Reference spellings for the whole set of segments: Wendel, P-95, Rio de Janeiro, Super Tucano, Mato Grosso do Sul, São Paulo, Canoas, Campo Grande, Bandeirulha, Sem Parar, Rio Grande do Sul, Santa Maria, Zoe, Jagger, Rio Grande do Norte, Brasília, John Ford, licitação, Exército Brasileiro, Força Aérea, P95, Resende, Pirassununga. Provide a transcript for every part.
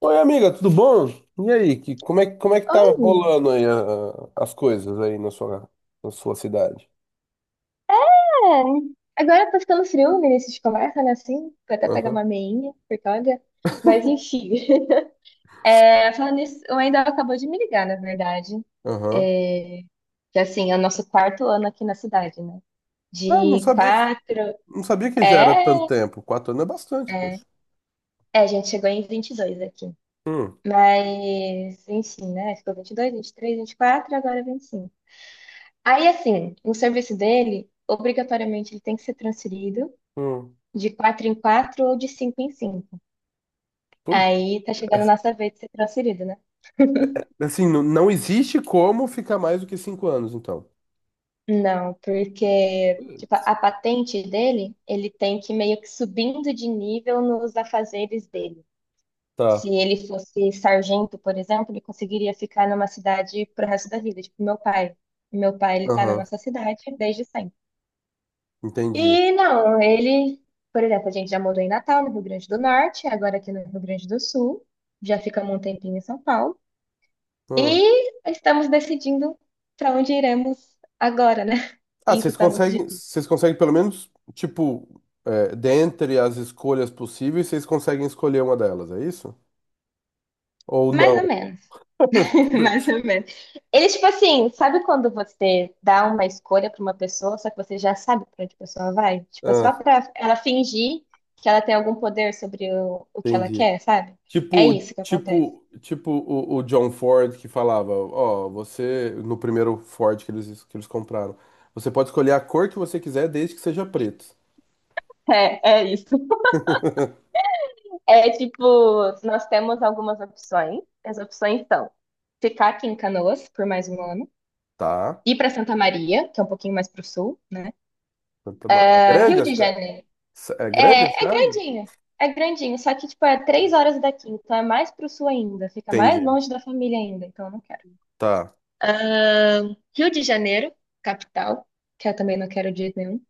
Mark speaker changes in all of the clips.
Speaker 1: Oi, amiga, tudo bom? E aí, como é que tá
Speaker 2: Oi.
Speaker 1: rolando aí as coisas aí na sua cidade?
Speaker 2: É, agora tá ficando frio no início de conversa, né? Assim, vou até pegar
Speaker 1: Aham,
Speaker 2: uma meinha, porque olha. Mas enfim. É, falando nisso, o Wendel acabou de me ligar, na verdade.
Speaker 1: aham.
Speaker 2: É, que assim, é o nosso quarto ano aqui na cidade, né?
Speaker 1: Ah,
Speaker 2: De quatro.
Speaker 1: não sabia que já era tanto
Speaker 2: É,
Speaker 1: tempo. 4 anos é bastante,
Speaker 2: é.
Speaker 1: poxa.
Speaker 2: É, a gente chegou em 22 aqui.
Speaker 1: Hum,
Speaker 2: Mas, enfim, né? Ficou vinte e dois, vinte e três, vinte e quatro, agora 25. Aí, assim, o serviço dele, obrigatoriamente, ele tem que ser transferido,
Speaker 1: hum.
Speaker 2: de quatro em quatro ou de cinco em cinco.
Speaker 1: Pô.
Speaker 2: Aí tá chegando a nossa vez de ser transferido, né?
Speaker 1: Assim, não, não existe como ficar mais do que 5 anos, então.
Speaker 2: Não, porque tipo,
Speaker 1: Putz.
Speaker 2: a patente dele, ele tem que meio que subindo de nível nos afazeres dele. Se
Speaker 1: Tá.
Speaker 2: ele fosse sargento, por exemplo, ele conseguiria ficar numa cidade pro resto da vida, tipo meu pai. Meu pai, ele tá na
Speaker 1: Aham,
Speaker 2: nossa cidade desde sempre.
Speaker 1: entendi.
Speaker 2: E não, ele, por exemplo, a gente já mudou em Natal, no Rio Grande do Norte, agora aqui no Rio Grande do Sul, já ficamos um tempinho em São Paulo. E
Speaker 1: Ah,
Speaker 2: estamos decidindo para onde iremos agora, né?
Speaker 1: ah,
Speaker 2: Isso tá muito difícil.
Speaker 1: vocês conseguem pelo menos, tipo, é, dentre as escolhas possíveis, vocês conseguem escolher uma delas, é isso? Ou
Speaker 2: Mais ou
Speaker 1: não?
Speaker 2: menos. Mais ou menos. Ele, tipo assim, sabe quando você dá uma escolha para uma pessoa, só que você já sabe para onde a pessoa vai? Tipo, é
Speaker 1: Ah,
Speaker 2: só para ela fingir que ela tem algum poder sobre o que ela
Speaker 1: entendi.
Speaker 2: quer, sabe? É
Speaker 1: Tipo,
Speaker 2: isso que acontece.
Speaker 1: tipo o John Ford que falava, ó, você, no primeiro Ford que que eles compraram, você pode escolher a cor que você quiser desde que seja preto.
Speaker 2: É, é isso. É tipo, nós temos algumas opções. As opções são ficar aqui em Canoas por mais um ano,
Speaker 1: Tá?
Speaker 2: ir para Santa Maria, que é um pouquinho mais pro sul, né?
Speaker 1: É
Speaker 2: É,
Speaker 1: grande
Speaker 2: Rio
Speaker 1: a
Speaker 2: de
Speaker 1: cidade?
Speaker 2: Janeiro.
Speaker 1: É grande a
Speaker 2: É, é
Speaker 1: cidade?
Speaker 2: grandinho. É grandinho. Só que, tipo, é 3 horas daqui. Então é mais pro sul ainda. Fica mais
Speaker 1: Entendi.
Speaker 2: longe da família ainda. Então eu não quero.
Speaker 1: Tá.
Speaker 2: Rio de Janeiro, capital. Que eu também não quero de jeito nenhum.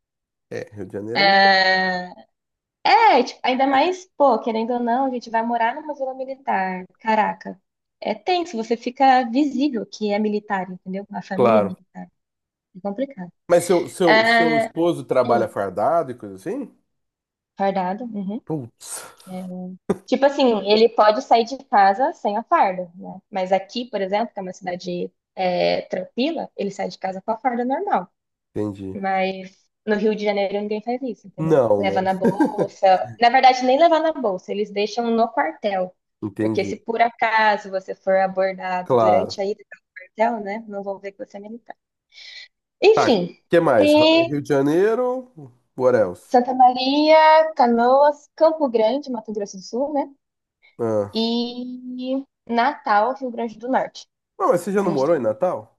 Speaker 1: É, Rio de Janeiro é meio...
Speaker 2: É, tipo, ainda mais, pô, querendo ou não, a gente vai morar numa zona militar. Caraca. É tenso. Você fica visível que é militar, entendeu? A família é
Speaker 1: Claro.
Speaker 2: militar. É complicado.
Speaker 1: Mas seu
Speaker 2: É,
Speaker 1: esposo trabalha
Speaker 2: hum,
Speaker 1: fardado e coisa assim?
Speaker 2: fardado. Uhum.
Speaker 1: Putz.
Speaker 2: Tipo assim, ele pode sair de casa sem a farda, né? Mas aqui, por exemplo, que é uma cidade é, tranquila, ele sai de casa com a farda normal.
Speaker 1: Entendi.
Speaker 2: Mas no Rio de Janeiro ninguém faz isso, entendeu?
Speaker 1: Não,
Speaker 2: Leva
Speaker 1: né?
Speaker 2: na bolsa. Na verdade, nem levar na bolsa, eles deixam no quartel. Porque se
Speaker 1: Entendi.
Speaker 2: por acaso você for abordado
Speaker 1: Claro.
Speaker 2: durante a ida para o quartel, né? Não vão ver que você é militar.
Speaker 1: Tá, o
Speaker 2: Enfim,
Speaker 1: que mais?
Speaker 2: e
Speaker 1: Rio de Janeiro, what else?
Speaker 2: Santa Maria, Canoas, Campo Grande, Mato Grosso do Sul, né?
Speaker 1: Ah.
Speaker 2: E Natal, Rio Grande do Norte.
Speaker 1: Não, mas você já
Speaker 2: A
Speaker 1: não
Speaker 2: gente
Speaker 1: morou em
Speaker 2: tem.
Speaker 1: Natal?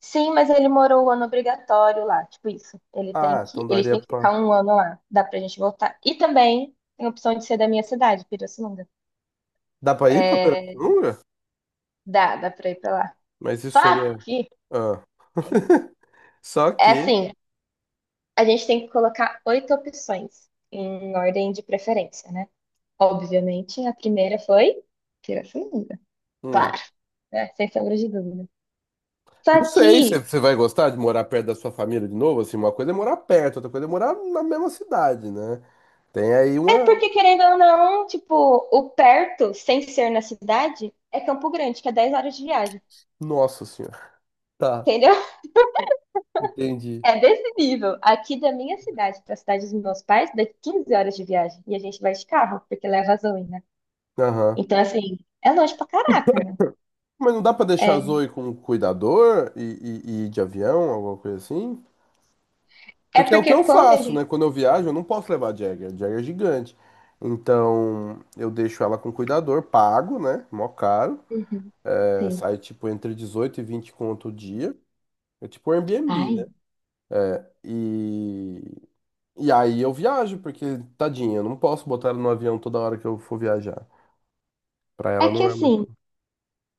Speaker 2: Sim, mas ele morou o ano obrigatório lá, tipo isso. Ele tem
Speaker 1: Ah,
Speaker 2: que,
Speaker 1: então
Speaker 2: ele
Speaker 1: daria
Speaker 2: tem que
Speaker 1: pra...
Speaker 2: ficar um ano lá. Dá pra gente voltar. E também tem a opção de ser da minha cidade, Pirassununga.
Speaker 1: Dá pra ir pra
Speaker 2: É,
Speaker 1: Pirassununga?
Speaker 2: dá pra ir pra lá.
Speaker 1: Mas isso
Speaker 2: Só
Speaker 1: seria...
Speaker 2: que,
Speaker 1: Ah. Só
Speaker 2: é
Speaker 1: que...
Speaker 2: assim, a gente tem que colocar oito opções em ordem de preferência, né? Obviamente, a primeira foi Pirassununga.
Speaker 1: hum,
Speaker 2: Claro, né? Sem sombra de dúvida.
Speaker 1: Não
Speaker 2: Só
Speaker 1: sei se
Speaker 2: que
Speaker 1: você vai gostar de morar perto da sua família de novo, assim, uma coisa é morar perto, outra coisa é morar na mesma cidade, né? Tem aí
Speaker 2: É
Speaker 1: uma...
Speaker 2: porque, querendo ou não, tipo, o perto, sem ser na cidade, é Campo Grande, que é 10 horas de viagem.
Speaker 1: Nossa senhora. Tá,
Speaker 2: Entendeu?
Speaker 1: entendi.
Speaker 2: É desse nível. Aqui da minha cidade para a cidade dos meus pais, dá 15 horas de viagem. E a gente vai de carro, porque leva a Zoe, né?
Speaker 1: Aham.
Speaker 2: Então, assim, é longe pra caraca, né?
Speaker 1: Mas não dá pra deixar a
Speaker 2: É,
Speaker 1: Zoe com um cuidador e ir de avião, alguma coisa assim?
Speaker 2: é
Speaker 1: Porque é o que
Speaker 2: porque
Speaker 1: eu
Speaker 2: quando a
Speaker 1: faço, né?
Speaker 2: gente.
Speaker 1: Quando eu viajo, eu não posso levar a Jagger. A Jagger é gigante. Então, eu deixo ela com cuidador, pago, né? Mó caro.
Speaker 2: Uhum,
Speaker 1: É,
Speaker 2: sim.
Speaker 1: sai, tipo, entre 18 e 20 conto o dia. É tipo Airbnb,
Speaker 2: Ai.
Speaker 1: né? E... E aí eu viajo, porque, tadinha, eu não posso botar ela no avião toda hora que eu for viajar. Pra
Speaker 2: É
Speaker 1: ela
Speaker 2: que
Speaker 1: não é muito...
Speaker 2: assim,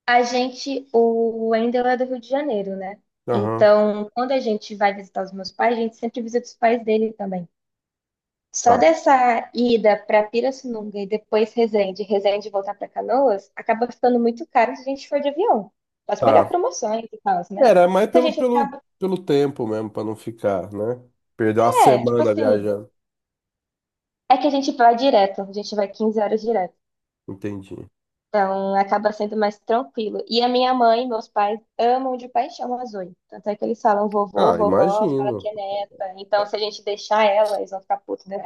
Speaker 2: a gente. O Wendel é do Rio de Janeiro, né?
Speaker 1: Aham,
Speaker 2: Então, quando a gente vai visitar os meus pais, a gente sempre visita os pais dele também. Só
Speaker 1: tá,
Speaker 2: dessa ida para Pirassununga e depois Resende, Resende voltar para Canoas, acaba ficando muito caro se a gente for de avião. Pode pegar
Speaker 1: tá.
Speaker 2: promoções e tal, né?
Speaker 1: Era mais
Speaker 2: Então a gente acaba.
Speaker 1: pelo tempo mesmo, pra não ficar, né? Perder uma
Speaker 2: É, tipo
Speaker 1: semana
Speaker 2: assim.
Speaker 1: viajando.
Speaker 2: É que a gente vai direto, a gente vai 15 horas direto.
Speaker 1: Entendi.
Speaker 2: Então acaba sendo mais tranquilo. E a minha mãe e meus pais amam de paixão a Zoe. Tanto é que eles falam vovô,
Speaker 1: Ah,
Speaker 2: vovó, fala que
Speaker 1: imagino.
Speaker 2: é
Speaker 1: É,
Speaker 2: neta. Então se a gente deixar ela, eles vão ficar putos, né?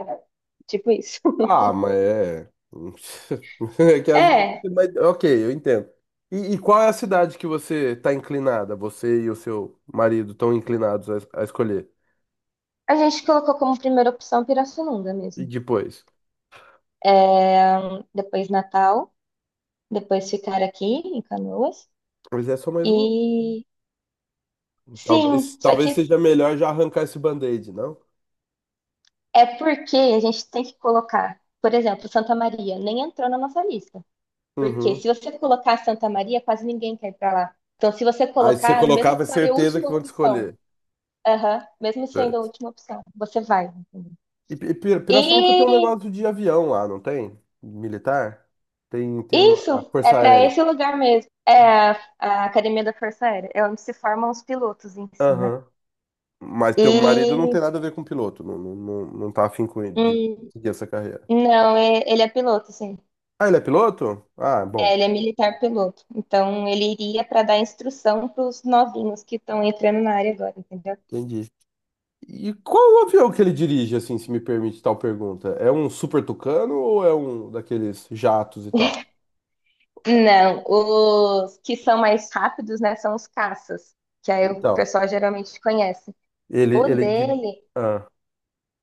Speaker 2: Tipo isso.
Speaker 1: ah, mas é. É que às vezes.
Speaker 2: É,
Speaker 1: Mas, ok, eu entendo. E qual é a cidade que você tá inclinada? Você e o seu marido estão inclinados a escolher?
Speaker 2: a gente colocou como primeira opção Pirassununga
Speaker 1: E
Speaker 2: mesmo.
Speaker 1: depois?
Speaker 2: Depois Natal, depois ficar aqui em Canoas.
Speaker 1: Mas é só mais um.
Speaker 2: E sim,
Speaker 1: Talvez,
Speaker 2: só que
Speaker 1: talvez seja melhor já arrancar esse band-aid, não?
Speaker 2: é porque a gente tem que colocar, por exemplo, Santa Maria nem entrou na nossa lista. Porque
Speaker 1: Uhum.
Speaker 2: se você colocar Santa Maria, quase ninguém quer ir para lá. Então, se você
Speaker 1: Aí você
Speaker 2: colocar, mesmo se
Speaker 1: colocava
Speaker 2: for a
Speaker 1: certeza que
Speaker 2: última
Speaker 1: vão te
Speaker 2: opção,
Speaker 1: escolher.
Speaker 2: aham, mesmo sendo a
Speaker 1: Certo.
Speaker 2: última opção, você vai, entendeu?
Speaker 1: E, Pirassununga tem um
Speaker 2: E
Speaker 1: negócio de avião lá, não tem? Militar? Tem uma a
Speaker 2: isso é
Speaker 1: Força
Speaker 2: para
Speaker 1: Aérea.
Speaker 2: esse lugar mesmo. É a, a Academia da Força Aérea, é onde se formam os pilotos em si, né?
Speaker 1: Aham. Mas teu marido não
Speaker 2: E
Speaker 1: tem nada a ver com piloto, não, não, não, não tá afim com de
Speaker 2: hum,
Speaker 1: seguir essa carreira.
Speaker 2: Não, ele é piloto, sim.
Speaker 1: Ah, ele é piloto? Ah,
Speaker 2: É,
Speaker 1: bom,
Speaker 2: ele é militar piloto. Então, ele iria para dar instrução para os novinhos que estão entrando na área agora, entendeu?
Speaker 1: entendi. E qual o avião que ele dirige, assim, se me permite tal pergunta? É um Super Tucano ou é um daqueles jatos e tal?
Speaker 2: Não, os que são mais rápidos, né, são os caças, que aí o
Speaker 1: Então,
Speaker 2: pessoal geralmente conhece.
Speaker 1: ele,
Speaker 2: O
Speaker 1: ele dirige...
Speaker 2: dele,
Speaker 1: Ah,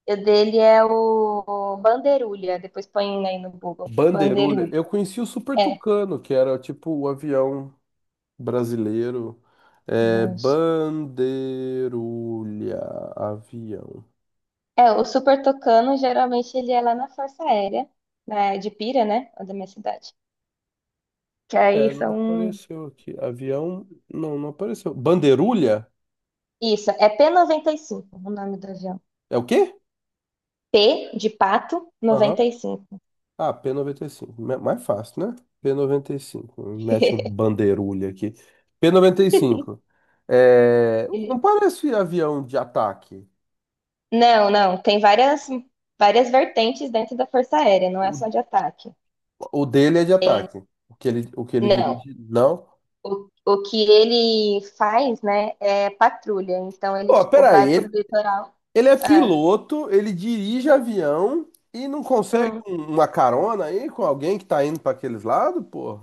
Speaker 2: o dele é o Bandeirulha, depois põe aí no Google,
Speaker 1: Bandeirulha.
Speaker 2: Bandeirulha.
Speaker 1: Eu conheci o Super
Speaker 2: É,
Speaker 1: Tucano, que era tipo o avião brasileiro. É,
Speaker 2: vixe.
Speaker 1: Bandeirulha, avião.
Speaker 2: É, o Super Tucano, geralmente ele é lá na Força Aérea, né, de Pira, né, da minha cidade. Que aí
Speaker 1: É, não
Speaker 2: são.
Speaker 1: apareceu aqui. Avião, não, não apareceu. Bandeirulha?
Speaker 2: Isso, é p noventa e cinco, o nome do avião.
Speaker 1: É o quê?
Speaker 2: P de pato
Speaker 1: Aham.
Speaker 2: 95.
Speaker 1: Ah, P95. 95. Mais fácil, né? P 95. Mete um bandeirulha aqui. P 95. É...
Speaker 2: Ele-
Speaker 1: Não parece avião de ataque.
Speaker 2: Não, não, tem várias vertentes dentro da Força Aérea, não é
Speaker 1: O,
Speaker 2: só de ataque.
Speaker 1: o dele é de ataque. O que ele
Speaker 2: Não.
Speaker 1: dirige, não.
Speaker 2: O que ele faz, né, é patrulha. Então ele
Speaker 1: Pô,
Speaker 2: tipo
Speaker 1: peraí.
Speaker 2: vai pro
Speaker 1: Ele,
Speaker 2: litoral.
Speaker 1: ele é
Speaker 2: Ah,
Speaker 1: piloto, ele dirige avião e não consegue
Speaker 2: hum.
Speaker 1: uma carona aí com alguém que tá indo para aqueles lados, pô?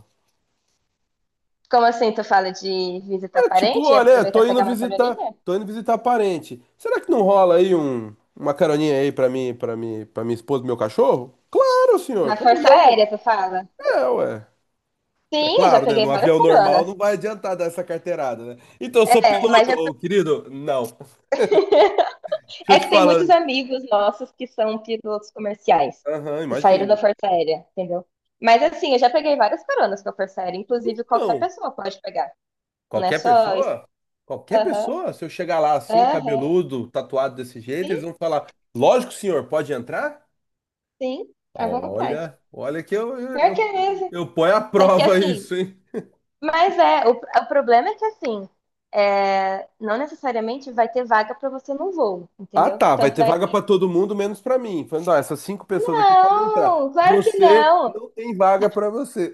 Speaker 2: Como assim tu fala de visitar
Speaker 1: É, tipo,
Speaker 2: parente e
Speaker 1: olha, é,
Speaker 2: aproveitar e pegar uma carolinha?
Speaker 1: tô indo visitar parente. Será que não rola aí uma caroninha aí para mim, para minha esposa e meu cachorro? Claro, senhor,
Speaker 2: Na
Speaker 1: como
Speaker 2: Força
Speaker 1: não?
Speaker 2: Aérea tu fala?
Speaker 1: É, ué. É
Speaker 2: Sim, eu já
Speaker 1: claro, né?
Speaker 2: peguei
Speaker 1: No
Speaker 2: várias
Speaker 1: avião normal
Speaker 2: coronas.
Speaker 1: não vai adiantar dar essa carteirada, né? Então, eu sou
Speaker 2: É, mas
Speaker 1: piloto,
Speaker 2: já fui.
Speaker 1: ô, querido? Não. Deixa eu
Speaker 2: É
Speaker 1: te
Speaker 2: que tem
Speaker 1: falar.
Speaker 2: muitos amigos nossos que são pilotos comerciais,
Speaker 1: Aham,
Speaker 2: que saíram da
Speaker 1: imagino.
Speaker 2: Força Aérea, entendeu? Mas assim, eu já peguei várias caronas com a Força Aérea, inclusive qualquer
Speaker 1: Então,
Speaker 2: pessoa pode pegar. Não é
Speaker 1: qualquer
Speaker 2: só isso.
Speaker 1: pessoa, qualquer
Speaker 2: Aham,
Speaker 1: pessoa, se eu chegar lá assim,
Speaker 2: aham,
Speaker 1: cabeludo, tatuado desse jeito, eles
Speaker 2: sim,
Speaker 1: vão falar: "Lógico, senhor, pode entrar?"
Speaker 2: sim, à vontade.
Speaker 1: Olha, olha que
Speaker 2: Pior que é mesmo.
Speaker 1: eu ponho à
Speaker 2: Só que
Speaker 1: prova
Speaker 2: assim,
Speaker 1: isso, hein?
Speaker 2: mas é, o problema é que assim, é, não necessariamente vai ter vaga para você no voo,
Speaker 1: Ah,
Speaker 2: entendeu?
Speaker 1: tá. Vai
Speaker 2: Tanto
Speaker 1: ter
Speaker 2: é
Speaker 1: vaga para
Speaker 2: que.
Speaker 1: todo mundo, menos para mim. Falando, ó, essas cinco pessoas aqui podem entrar.
Speaker 2: Não, claro que
Speaker 1: Você
Speaker 2: não.
Speaker 1: não tem vaga para você.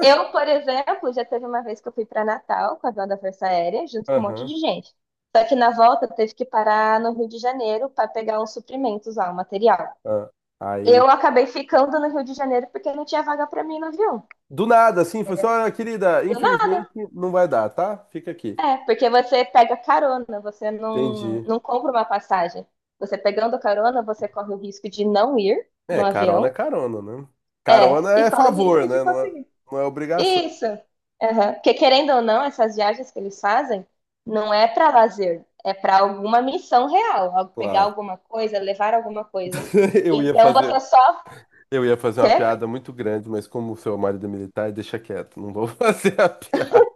Speaker 2: Eu, por exemplo, já teve uma vez que eu fui para Natal com a avião da Força Aérea, junto com um monte
Speaker 1: Aham.
Speaker 2: de gente. Só que na volta teve que parar no Rio de Janeiro para pegar uns suprimentos lá, um material.
Speaker 1: Ah. Aí,
Speaker 2: Eu acabei ficando no Rio de Janeiro porque não tinha vaga para mim no avião,
Speaker 1: do nada, assim, foi só,
Speaker 2: entendeu?
Speaker 1: "Ah, querida,
Speaker 2: Do
Speaker 1: infelizmente
Speaker 2: nada.
Speaker 1: não vai dar, tá? Fica aqui."
Speaker 2: É, porque você pega carona, você não,
Speaker 1: Entendi.
Speaker 2: não compra uma passagem. Você pegando carona, você corre o risco de não ir no
Speaker 1: É
Speaker 2: avião.
Speaker 1: carona, né?
Speaker 2: É,
Speaker 1: Carona
Speaker 2: e
Speaker 1: é
Speaker 2: corre o
Speaker 1: favor,
Speaker 2: risco de
Speaker 1: né?
Speaker 2: conseguir.
Speaker 1: Não é obrigação.
Speaker 2: Isso. Aham. Porque querendo ou não, essas viagens que eles fazem não é para lazer, é para alguma missão real, pegar
Speaker 1: Claro.
Speaker 2: alguma coisa, levar alguma coisa.
Speaker 1: Eu ia
Speaker 2: Então
Speaker 1: fazer
Speaker 2: você só
Speaker 1: Eu ia fazer uma
Speaker 2: quer
Speaker 1: piada muito grande, mas como o seu marido é militar, deixa quieto, não vou fazer a piada.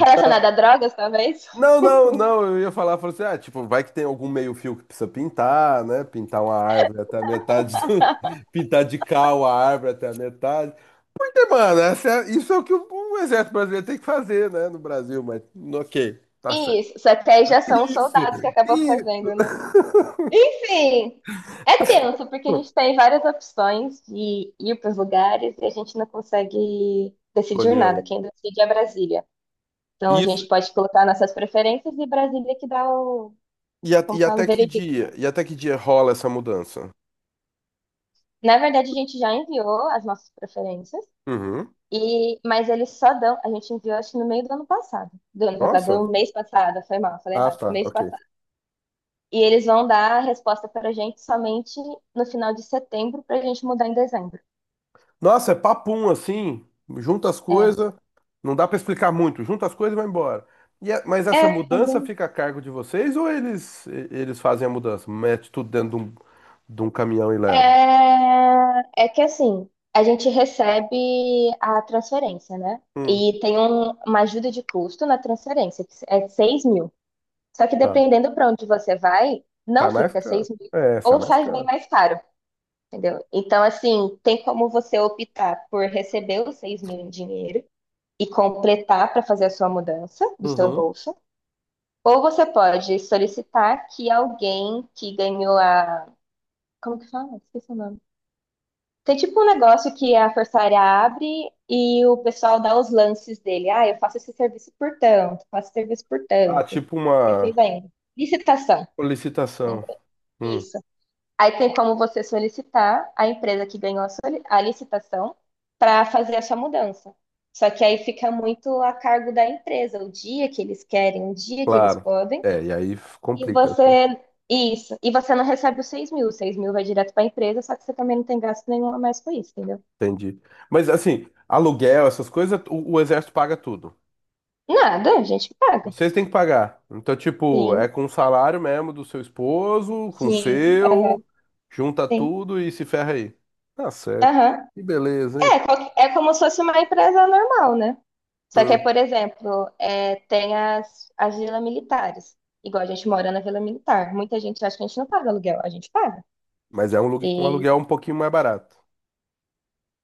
Speaker 2: relacionada a drogas, talvez?
Speaker 1: Não, não, não, eu ia falar, falou assim, ah, tipo, vai que tem algum meio-fio que precisa pintar, né? Pintar uma árvore até a metade do... Pintar de cal a árvore até a metade. E, mano, isso é o que o Exército Brasileiro tem que fazer, né, no Brasil, mas ok, tá certo.
Speaker 2: Isso, só que aí já são os
Speaker 1: Isso,
Speaker 2: soldados que acabam
Speaker 1: isso.
Speaker 2: fazendo, né? Enfim, é tenso porque a gente tem várias opções de ir para os lugares e a gente não consegue decidir
Speaker 1: Escolher
Speaker 2: nada.
Speaker 1: uma.
Speaker 2: Quem decide é Brasília. Então a
Speaker 1: Isso,
Speaker 2: gente pode colocar nossas preferências e Brasília que dá o
Speaker 1: e,
Speaker 2: como
Speaker 1: e
Speaker 2: fala,
Speaker 1: até que
Speaker 2: veredito, né?
Speaker 1: dia? E até que dia rola essa mudança?
Speaker 2: Na verdade, a gente já enviou as nossas preferências,
Speaker 1: Uhum.
Speaker 2: e mas eles só dão. A gente enviou, acho que no meio do ano passado. Do ano passado,
Speaker 1: Nossa.
Speaker 2: do mês passado, foi mal, falei
Speaker 1: Ah,
Speaker 2: errado.
Speaker 1: tá,
Speaker 2: Mês
Speaker 1: ok.
Speaker 2: passado. E eles vão dar a resposta pra gente somente no final de setembro, pra gente mudar em dezembro.
Speaker 1: Nossa, é papum assim, junta as
Speaker 2: É.
Speaker 1: coisas, não dá pra explicar muito, junta as coisas e vai embora. E mas
Speaker 2: É,
Speaker 1: essa
Speaker 2: é,
Speaker 1: mudança
Speaker 2: bem-
Speaker 1: fica a cargo de vocês ou eles fazem a mudança? Mete tudo dentro de de um caminhão e leva?
Speaker 2: É, é que assim, a gente recebe a transferência, né?
Speaker 1: Hum,
Speaker 2: E tem uma ajuda de custo na transferência, que é 6.000. Só que
Speaker 1: tá.
Speaker 2: dependendo para onde você vai,
Speaker 1: Sai
Speaker 2: não
Speaker 1: mais
Speaker 2: fica
Speaker 1: caro.
Speaker 2: 6.000
Speaker 1: É, sai
Speaker 2: ou
Speaker 1: mais
Speaker 2: sai bem
Speaker 1: caro.
Speaker 2: mais caro, entendeu? Então, assim, tem como você optar por receber os 6.000 em dinheiro e completar para fazer a sua mudança do seu
Speaker 1: Uhum.
Speaker 2: bolso, ou você pode solicitar que alguém que ganhou a. Como que fala? Esqueci o nome. Tem tipo um negócio que a Força Aérea abre e o pessoal dá os lances dele. Ah, eu faço esse serviço por tanto, faço esse serviço por
Speaker 1: Ah,
Speaker 2: tanto.
Speaker 1: tipo
Speaker 2: E assim
Speaker 1: uma
Speaker 2: vai indo. Licitação.
Speaker 1: solicitação.
Speaker 2: Lembra?
Speaker 1: Hum,
Speaker 2: Isso. Aí tem como você solicitar a empresa que ganhou a licitação para fazer a sua mudança. Só que aí fica muito a cargo da empresa, o dia que eles querem, o dia que eles
Speaker 1: claro.
Speaker 2: podem,
Speaker 1: É, e aí
Speaker 2: e
Speaker 1: complica.
Speaker 2: você. Isso. E você não recebe os 6.000. Os 6 mil vai direto para a empresa, só que você também não tem gasto nenhum a mais com isso, entendeu?
Speaker 1: Entendi. Mas assim, aluguel, essas coisas, o exército paga tudo.
Speaker 2: Nada, a gente paga.
Speaker 1: Vocês têm que pagar. Então, tipo,
Speaker 2: Sim,
Speaker 1: é com o salário mesmo do seu esposo, com o
Speaker 2: sim,
Speaker 1: seu,
Speaker 2: aham,
Speaker 1: junta
Speaker 2: sim.
Speaker 1: tudo e se ferra aí. Tá certo.
Speaker 2: Aham.
Speaker 1: Que beleza, hein?
Speaker 2: É, é como se fosse uma empresa normal, né? Só que, é,
Speaker 1: Hum.
Speaker 2: por exemplo, é, tem as vilas militares. Igual a gente mora na vila militar. Muita gente acha que a gente não paga aluguel, a gente paga.
Speaker 1: Mas é um
Speaker 2: E
Speaker 1: aluguel um pouquinho mais barato.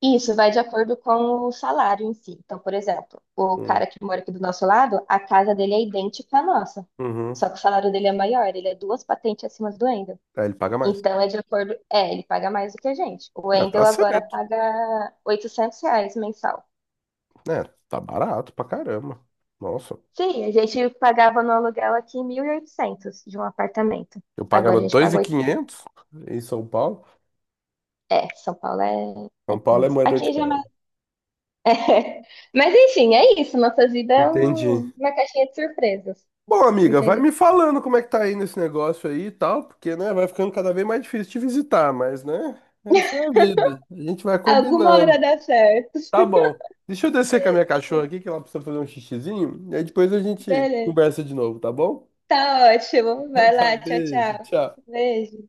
Speaker 2: isso vai de acordo com o salário em si. Então, por exemplo, o
Speaker 1: Hum.
Speaker 2: cara que mora aqui do nosso lado, a casa dele é idêntica à nossa.
Speaker 1: Uhum.
Speaker 2: Só que o salário dele é maior, ele é duas patentes acima do Wendel.
Speaker 1: Aí ele paga mais.
Speaker 2: Então, é de acordo. É, ele paga mais do que a gente. O
Speaker 1: Ah, tá
Speaker 2: Wendel agora
Speaker 1: certo.
Speaker 2: paga R$ 800 mensal.
Speaker 1: Né, tá barato pra caramba. Nossa,
Speaker 2: Sim, a gente pagava no aluguel aqui 1.800 de um apartamento.
Speaker 1: eu
Speaker 2: Agora
Speaker 1: pagava
Speaker 2: a gente
Speaker 1: dois mil
Speaker 2: pagou
Speaker 1: e
Speaker 2: 800.
Speaker 1: quinhentos em São Paulo.
Speaker 2: É, São Paulo é,
Speaker 1: São
Speaker 2: é
Speaker 1: Paulo é
Speaker 2: tenso.
Speaker 1: moedor de
Speaker 2: Aqui já é
Speaker 1: cara.
Speaker 2: mais... É. Mas enfim, é isso. Nossa vida é
Speaker 1: Entendi.
Speaker 2: uma caixinha de surpresas.
Speaker 1: Bom, amiga, vai
Speaker 2: Infelizmente.
Speaker 1: me falando como é que tá aí nesse negócio aí e tal, porque, né, vai ficando cada vez mais difícil te visitar, mas, né, essa é a vida. A gente vai
Speaker 2: Alguma hora
Speaker 1: combinando.
Speaker 2: dá certo.
Speaker 1: Tá bom. Deixa eu descer com a minha cachorra aqui, que ela precisa fazer um xixizinho, e aí depois a gente
Speaker 2: Beleza.
Speaker 1: conversa de novo, tá bom?
Speaker 2: Tá ótimo.
Speaker 1: Então
Speaker 2: Vai
Speaker 1: tá,
Speaker 2: lá. Tchau,
Speaker 1: beijo,
Speaker 2: tchau.
Speaker 1: tchau.
Speaker 2: Beijo.